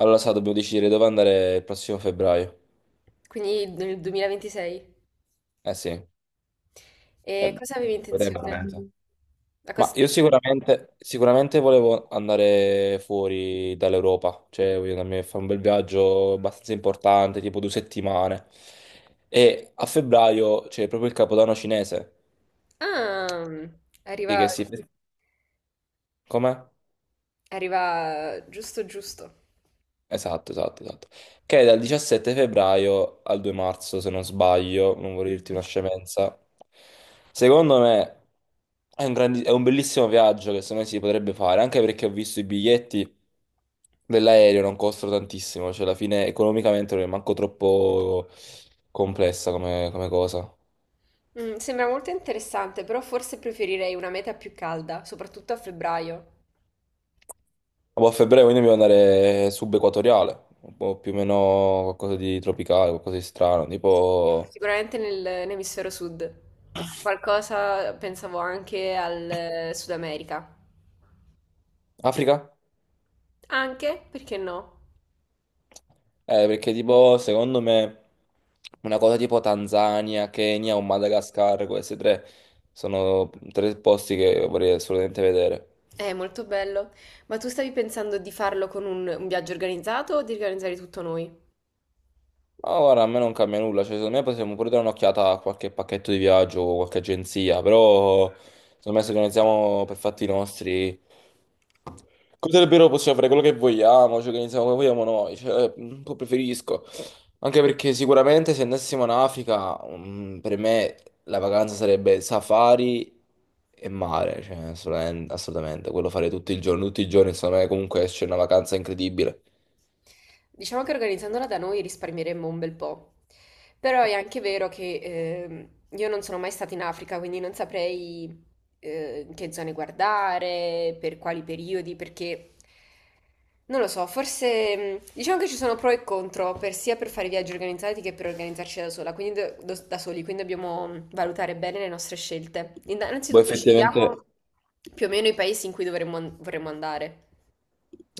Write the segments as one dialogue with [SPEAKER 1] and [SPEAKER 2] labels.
[SPEAKER 1] Allora, sa, dobbiamo decidere dove andare il prossimo febbraio.
[SPEAKER 2] Quindi nel 2026.
[SPEAKER 1] Eh sì,
[SPEAKER 2] E cosa avevi
[SPEAKER 1] vedremo
[SPEAKER 2] intenzione?
[SPEAKER 1] veramente.
[SPEAKER 2] A cosa
[SPEAKER 1] Ma io
[SPEAKER 2] stai pensando?
[SPEAKER 1] sicuramente, sicuramente volevo andare fuori dall'Europa, cioè voglio andarmi a fare un bel viaggio abbastanza importante, tipo due settimane. E a febbraio c'è proprio il Capodanno cinese,
[SPEAKER 2] Ah,
[SPEAKER 1] sì,
[SPEAKER 2] arriva,
[SPEAKER 1] che si... Come?
[SPEAKER 2] arriva giusto giusto.
[SPEAKER 1] Esatto, esatto, esatto. Che è dal 17 febbraio al 2 marzo, se non sbaglio, non vorrei dirti una
[SPEAKER 2] Mhm.
[SPEAKER 1] scemenza. Secondo me è un, è un bellissimo viaggio che secondo me si potrebbe fare, anche perché ho visto i biglietti dell'aereo, non costano tantissimo, cioè alla fine economicamente non è manco troppo complessa come, come cosa. Ma
[SPEAKER 2] Sembra molto interessante, però forse preferirei una meta più calda, soprattutto a febbraio.
[SPEAKER 1] poi a febbraio quindi dobbiamo andare subequatoriale, un po' più o meno qualcosa di tropicale, qualcosa di strano, tipo
[SPEAKER 2] Sicuramente nell'emisfero sud. Qualcosa pensavo anche al Sud America.
[SPEAKER 1] Africa?
[SPEAKER 2] Anche, perché no?
[SPEAKER 1] Perché tipo, secondo me, una cosa tipo Tanzania, Kenya o Madagascar, queste tre sono tre posti che vorrei assolutamente vedere.
[SPEAKER 2] È molto bello. Ma tu stavi pensando di farlo con un viaggio organizzato o di organizzare tutto noi?
[SPEAKER 1] Ma guarda, a me non cambia nulla, cioè secondo me possiamo pure dare un'occhiata a qualche pacchetto di viaggio o qualche agenzia, però secondo me se organizziamo per fatti nostri, cosa davvero possiamo fare quello che vogliamo, ci organizziamo come vogliamo noi, cioè, un po' preferisco, anche perché sicuramente se andassimo in Africa, per me la vacanza sarebbe safari e mare, cioè assolutamente, assolutamente, quello fare tutto il giorno, tutti i giorni, secondo me comunque esce una vacanza incredibile.
[SPEAKER 2] Diciamo che organizzandola da noi risparmieremmo un bel po', però è anche vero che io non sono mai stata in Africa, quindi non saprei che zone guardare, per quali periodi, perché non lo so, forse diciamo che ci sono pro e contro, sia per fare viaggi organizzati che per organizzarci da sola, quindi da soli, quindi dobbiamo valutare bene le nostre scelte.
[SPEAKER 1] Poi
[SPEAKER 2] Innanzitutto scegliamo
[SPEAKER 1] effettivamente...
[SPEAKER 2] più o meno i paesi in cui vorremmo andare.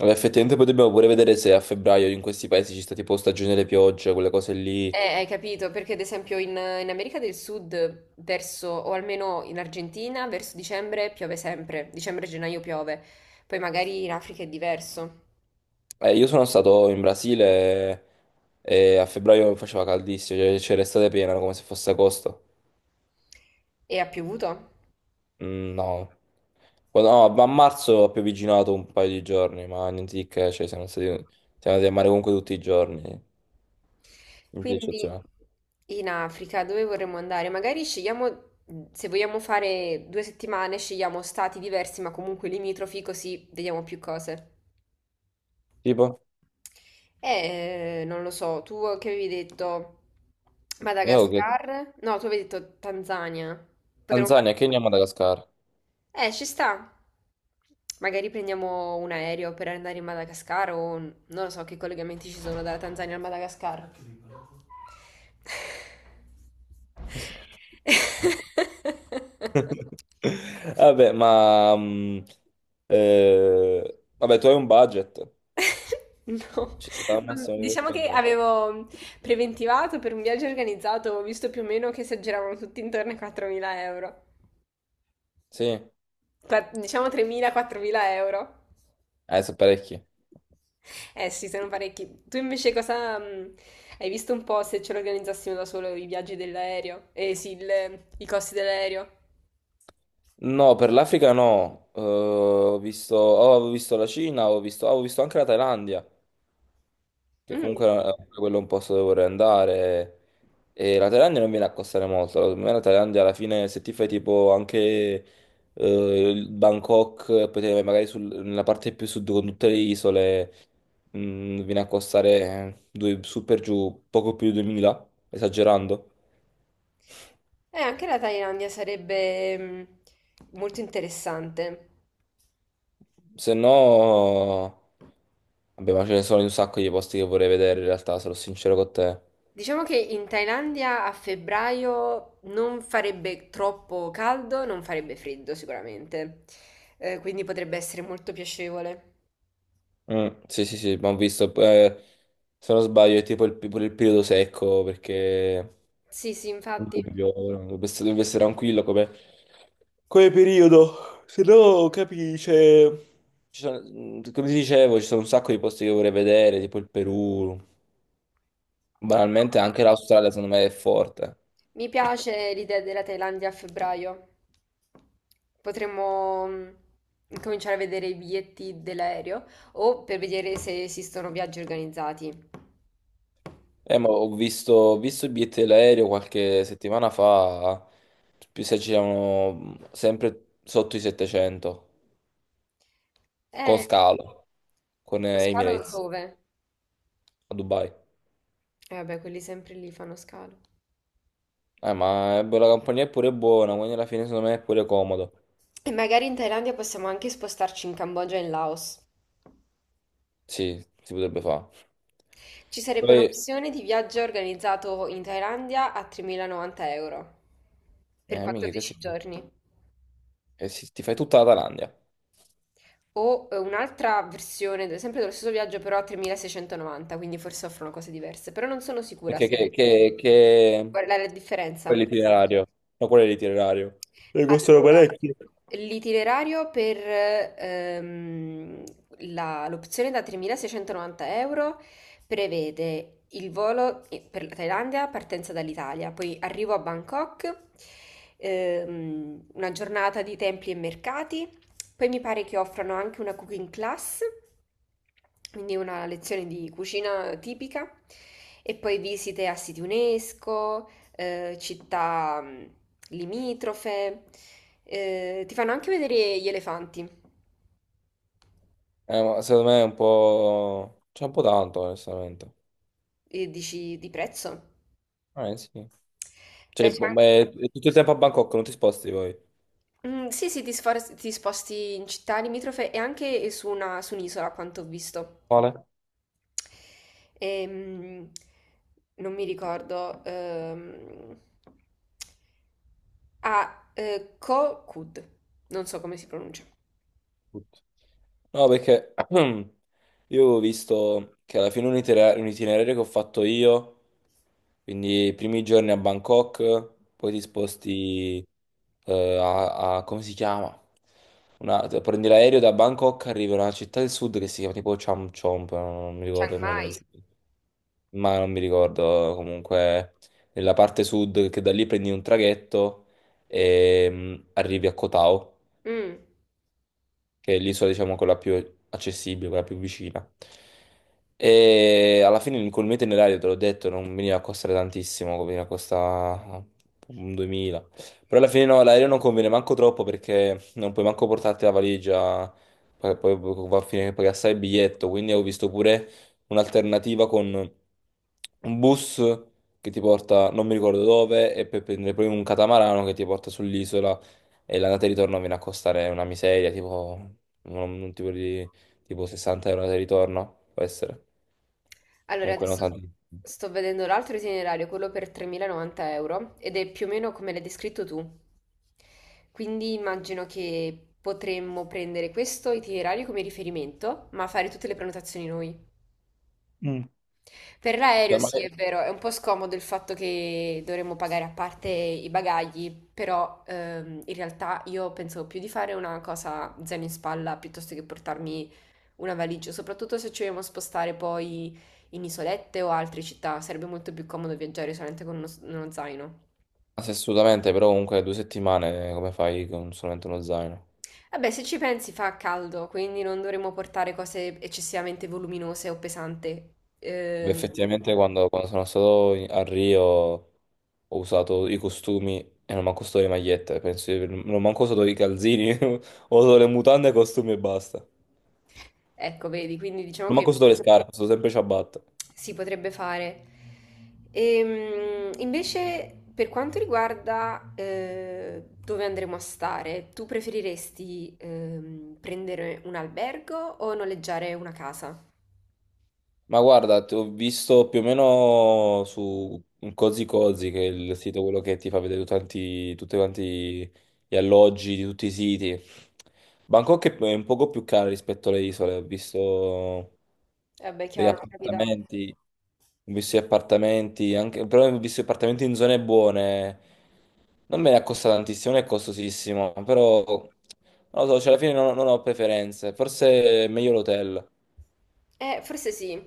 [SPEAKER 1] Allora, effettivamente poi dobbiamo pure vedere se a febbraio in questi paesi ci sta tipo stagione delle piogge, quelle cose lì.
[SPEAKER 2] Hai capito, perché ad esempio in America del Sud, verso, o almeno in Argentina, verso dicembre piove sempre, dicembre-gennaio piove, poi magari in Africa è diverso
[SPEAKER 1] Io sono stato in Brasile e a febbraio faceva caldissimo, cioè c'era estate piena come se fosse agosto.
[SPEAKER 2] e ha piovuto.
[SPEAKER 1] Mm, no. Oh, no, ma a marzo ho pioviginato un paio di giorni, ma niente di che, cioè siamo andati a mare comunque tutti i giorni, niente di
[SPEAKER 2] Quindi
[SPEAKER 1] eccezionale.
[SPEAKER 2] in Africa dove vorremmo andare? Magari scegliamo, se vogliamo fare 2 settimane, scegliamo stati diversi ma comunque limitrofi, così vediamo più cose.
[SPEAKER 1] Tipo,
[SPEAKER 2] Non lo so, tu che avevi detto
[SPEAKER 1] io che
[SPEAKER 2] Madagascar? No, tu avevi detto Tanzania. Potremmo fa-
[SPEAKER 1] Tanzania, Kenya, Madagascar.
[SPEAKER 2] Ci sta. Magari prendiamo un aereo per andare in Madagascar o non lo so che collegamenti ci sono dalla Tanzania al Madagascar.
[SPEAKER 1] Vabbè, ma vabbè, tu hai un budget,
[SPEAKER 2] No,
[SPEAKER 1] ci sta al massimo che puoi
[SPEAKER 2] diciamo che
[SPEAKER 1] spendere.
[SPEAKER 2] avevo preventivato per un viaggio organizzato, ho visto più o meno che si aggiravano tutti intorno ai 4.000 euro.
[SPEAKER 1] Sì,
[SPEAKER 2] Diciamo 3.000-4.000 euro.
[SPEAKER 1] adesso parecchi.
[SPEAKER 2] Eh sì, sono parecchi. Tu invece cosa hai visto un po' se ce l'organizzassimo da solo i viaggi dell'aereo? Eh sì, i costi dell'aereo.
[SPEAKER 1] No, per l'Africa no. Ho visto, oh, avevo visto la Cina, ho visto, avevo visto anche la Thailandia, che
[SPEAKER 2] Mm.
[SPEAKER 1] comunque è quello è un posto dove vorrei andare. E la Thailandia non viene a costare molto. Secondo me la Thailandia alla fine, se ti fai tipo anche il Bangkok, poi te ne vai nella parte più sud con tutte le isole, viene a costare due, su per giù poco più di 2000, esagerando.
[SPEAKER 2] Anche la Thailandia sarebbe molto interessante.
[SPEAKER 1] Se no, vabbè, ma ce ne sono un sacco di posti che vorrei vedere in realtà, sarò sincero con te.
[SPEAKER 2] Diciamo che in Thailandia a febbraio non farebbe troppo caldo, non farebbe freddo sicuramente, quindi potrebbe essere molto piacevole.
[SPEAKER 1] Mm, sì, sì, sì, ma ho visto, se non sbaglio, è tipo il, pure il periodo secco, perché
[SPEAKER 2] Sì, sì,
[SPEAKER 1] non
[SPEAKER 2] infatti.
[SPEAKER 1] dovrebbe piovere, dovrebbe essere tranquillo come, come periodo, se no, capisci, cioè, come ti dicevo, ci sono un sacco di posti che vorrei vedere, tipo il Perù, banalmente anche l'Australia secondo me è forte.
[SPEAKER 2] Mi piace l'idea della Thailandia a febbraio. Potremmo cominciare a vedere i biglietti dell'aereo o per vedere se esistono viaggi organizzati.
[SPEAKER 1] Ma ho visto i biglietti dell'aereo qualche settimana fa, più si aggiravano sempre sotto i 700, con
[SPEAKER 2] Eh,
[SPEAKER 1] scalo, con
[SPEAKER 2] lo scalo
[SPEAKER 1] Emirates
[SPEAKER 2] dove?
[SPEAKER 1] a Dubai.
[SPEAKER 2] Eh vabbè, quelli sempre lì fanno scalo.
[SPEAKER 1] Ma la compagnia è pure buona, quindi alla fine secondo me è pure comodo.
[SPEAKER 2] E magari in Thailandia possiamo anche spostarci in Cambogia e in Laos.
[SPEAKER 1] Sì, si potrebbe fare.
[SPEAKER 2] Ci sarebbe
[SPEAKER 1] Poi,
[SPEAKER 2] un'opzione di viaggio organizzato in Thailandia a 3.090 euro per
[SPEAKER 1] mica che
[SPEAKER 2] 14
[SPEAKER 1] si...
[SPEAKER 2] giorni.
[SPEAKER 1] Eh, sì, ti fai tutta la Thailandia.
[SPEAKER 2] O un'altra versione, sempre dello stesso viaggio, però a 3.690, quindi forse offrono cose diverse, però non sono sicura
[SPEAKER 1] Perché
[SPEAKER 2] se.
[SPEAKER 1] che...
[SPEAKER 2] Qual è la differenza?
[SPEAKER 1] Quello è l'itinerario. No, quello è l'itinerario. E costano
[SPEAKER 2] Allora,
[SPEAKER 1] parecchio.
[SPEAKER 2] l'itinerario per l'opzione da 3.690 euro prevede il volo per la Thailandia, partenza dall'Italia, poi arrivo a Bangkok, una giornata di templi e mercati, poi mi pare che offrano anche una cooking class, quindi una lezione di cucina tipica, e poi visite a siti UNESCO città limitrofe, ti fanno anche vedere gli elefanti
[SPEAKER 1] Ma secondo me è un po'... C'è un po' tanto, onestamente.
[SPEAKER 2] e dici di prezzo.
[SPEAKER 1] Sì.
[SPEAKER 2] Beh,
[SPEAKER 1] Cioè,
[SPEAKER 2] c'è
[SPEAKER 1] boh,
[SPEAKER 2] anche.
[SPEAKER 1] beh, è tutto il tempo a Bangkok, non ti sposti poi.
[SPEAKER 2] Sì, sì, ti, ti sposti in città limitrofe e anche su su un'isola, a quanto ho visto.
[SPEAKER 1] Quale?
[SPEAKER 2] Ehm, Non mi ricordo. Ah, Ko Kud. Non so come si pronuncia.
[SPEAKER 1] Tutto. No, perché io avevo visto che alla fine un itinerario che ho fatto io, quindi i primi giorni a Bangkok, poi ti sposti come si chiama? Prendi l'aereo da Bangkok, arrivi a una città del sud che si chiama tipo Cham Chomp, no, no, non mi
[SPEAKER 2] Chiang
[SPEAKER 1] ricordo come
[SPEAKER 2] Mai.
[SPEAKER 1] si chiama, ma non mi ricordo comunque, nella parte sud, che da lì prendi un traghetto e arrivi a Koh Tao,
[SPEAKER 2] Mm.
[SPEAKER 1] che è l'isola, diciamo, quella più accessibile, quella più vicina. E alla fine col mio itinerario, te l'ho detto, non veniva a costare tantissimo, veniva a costare un 2000. Però alla fine no, l'aereo non conviene manco troppo perché non puoi manco portarti la valigia, poi va a finire che paghi assai il biglietto, quindi ho visto pure un'alternativa con un bus che ti porta non mi ricordo dove e per prendere poi un catamarano che ti porta sull'isola e l'andata e ritorno viene a costare una miseria, tipo un, un tipo di tipo 60 € andata e ritorno, può essere.
[SPEAKER 2] Allora,
[SPEAKER 1] Comunque non
[SPEAKER 2] adesso
[SPEAKER 1] tanto.
[SPEAKER 2] sto vedendo l'altro itinerario, quello per 3.090 euro, ed è più o meno come l'hai descritto tu. Quindi immagino che potremmo prendere questo itinerario come riferimento, ma fare tutte le prenotazioni noi.
[SPEAKER 1] Mm.
[SPEAKER 2] Per l'aereo,
[SPEAKER 1] Beh, ma-
[SPEAKER 2] sì, è vero, è un po' scomodo il fatto che dovremmo pagare a parte i bagagli, però in realtà io pensavo più di fare una cosa zaino in spalla piuttosto che portarmi una valigia, soprattutto se ci vogliamo spostare poi in isolette o altre città, sarebbe molto più comodo viaggiare solamente con uno zaino.
[SPEAKER 1] Assolutamente, però comunque due settimane come fai con solamente uno zaino?
[SPEAKER 2] Vabbè, se ci pensi fa caldo, quindi non dovremmo portare cose eccessivamente voluminose o pesanti.
[SPEAKER 1] Beh,
[SPEAKER 2] Ehm,
[SPEAKER 1] effettivamente quando sono stato a Rio ho usato i costumi e non manco solo le magliette, penso non manco solo i calzini, ho usato le mutande, i costumi e basta. Non
[SPEAKER 2] ecco, vedi, quindi diciamo
[SPEAKER 1] manco
[SPEAKER 2] che
[SPEAKER 1] solo le scarpe, sono sempre ciabatte.
[SPEAKER 2] si potrebbe fare. Invece, per quanto riguarda dove andremo a stare, tu preferiresti prendere un albergo o noleggiare una casa?
[SPEAKER 1] Ma guarda, ti ho visto più o meno su un Cozy Cozy, che è il sito quello che ti fa vedere tutti quanti gli alloggi di tutti i siti. Bangkok è un poco più cara rispetto alle isole, ho visto
[SPEAKER 2] Eh beh,
[SPEAKER 1] degli
[SPEAKER 2] chiaro, capita.
[SPEAKER 1] appartamenti, ho visto gli appartamenti, però ho visto gli appartamenti in zone buone. Non me ne costa tantissimo, non è costosissimo, però non lo so, cioè alla fine non ho preferenze, forse è meglio l'hotel.
[SPEAKER 2] Forse sì,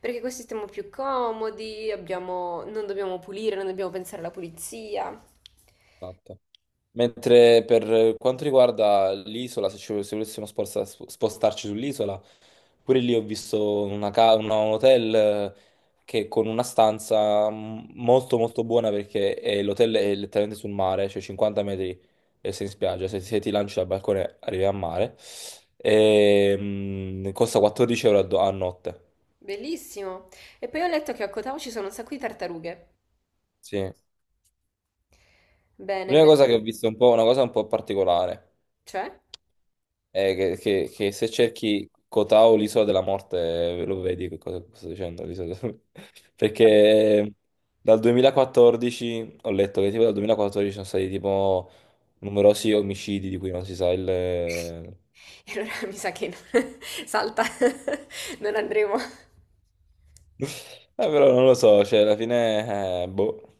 [SPEAKER 2] perché così stiamo più comodi, non dobbiamo pulire, non dobbiamo pensare alla pulizia.
[SPEAKER 1] Mentre per quanto riguarda l'isola, se volessimo spostarci sull'isola, pure lì ho visto un hotel che con una stanza molto molto buona perché l'hotel è letteralmente sul mare, cioè 50 metri e sei in spiaggia, se ti lanci dal balcone arrivi al mare, e, costa 14 € a, a notte.
[SPEAKER 2] Bellissimo. E poi ho letto che a Kotao ci sono un sacco di tartarughe.
[SPEAKER 1] Sì.
[SPEAKER 2] Bene,
[SPEAKER 1] L'unica cosa
[SPEAKER 2] bene.
[SPEAKER 1] che ho visto è un po', una cosa un po' particolare.
[SPEAKER 2] Cioè?
[SPEAKER 1] Che se cerchi Kotao, l'isola della morte, lo vedi che cosa sto dicendo? L'isola perché dal 2014 ho letto che tipo dal 2014 sono stati tipo numerosi omicidi di cui non si sa il...
[SPEAKER 2] E allora mi sa che no. Salta, non andremo.
[SPEAKER 1] Però non lo so, cioè alla fine... boh.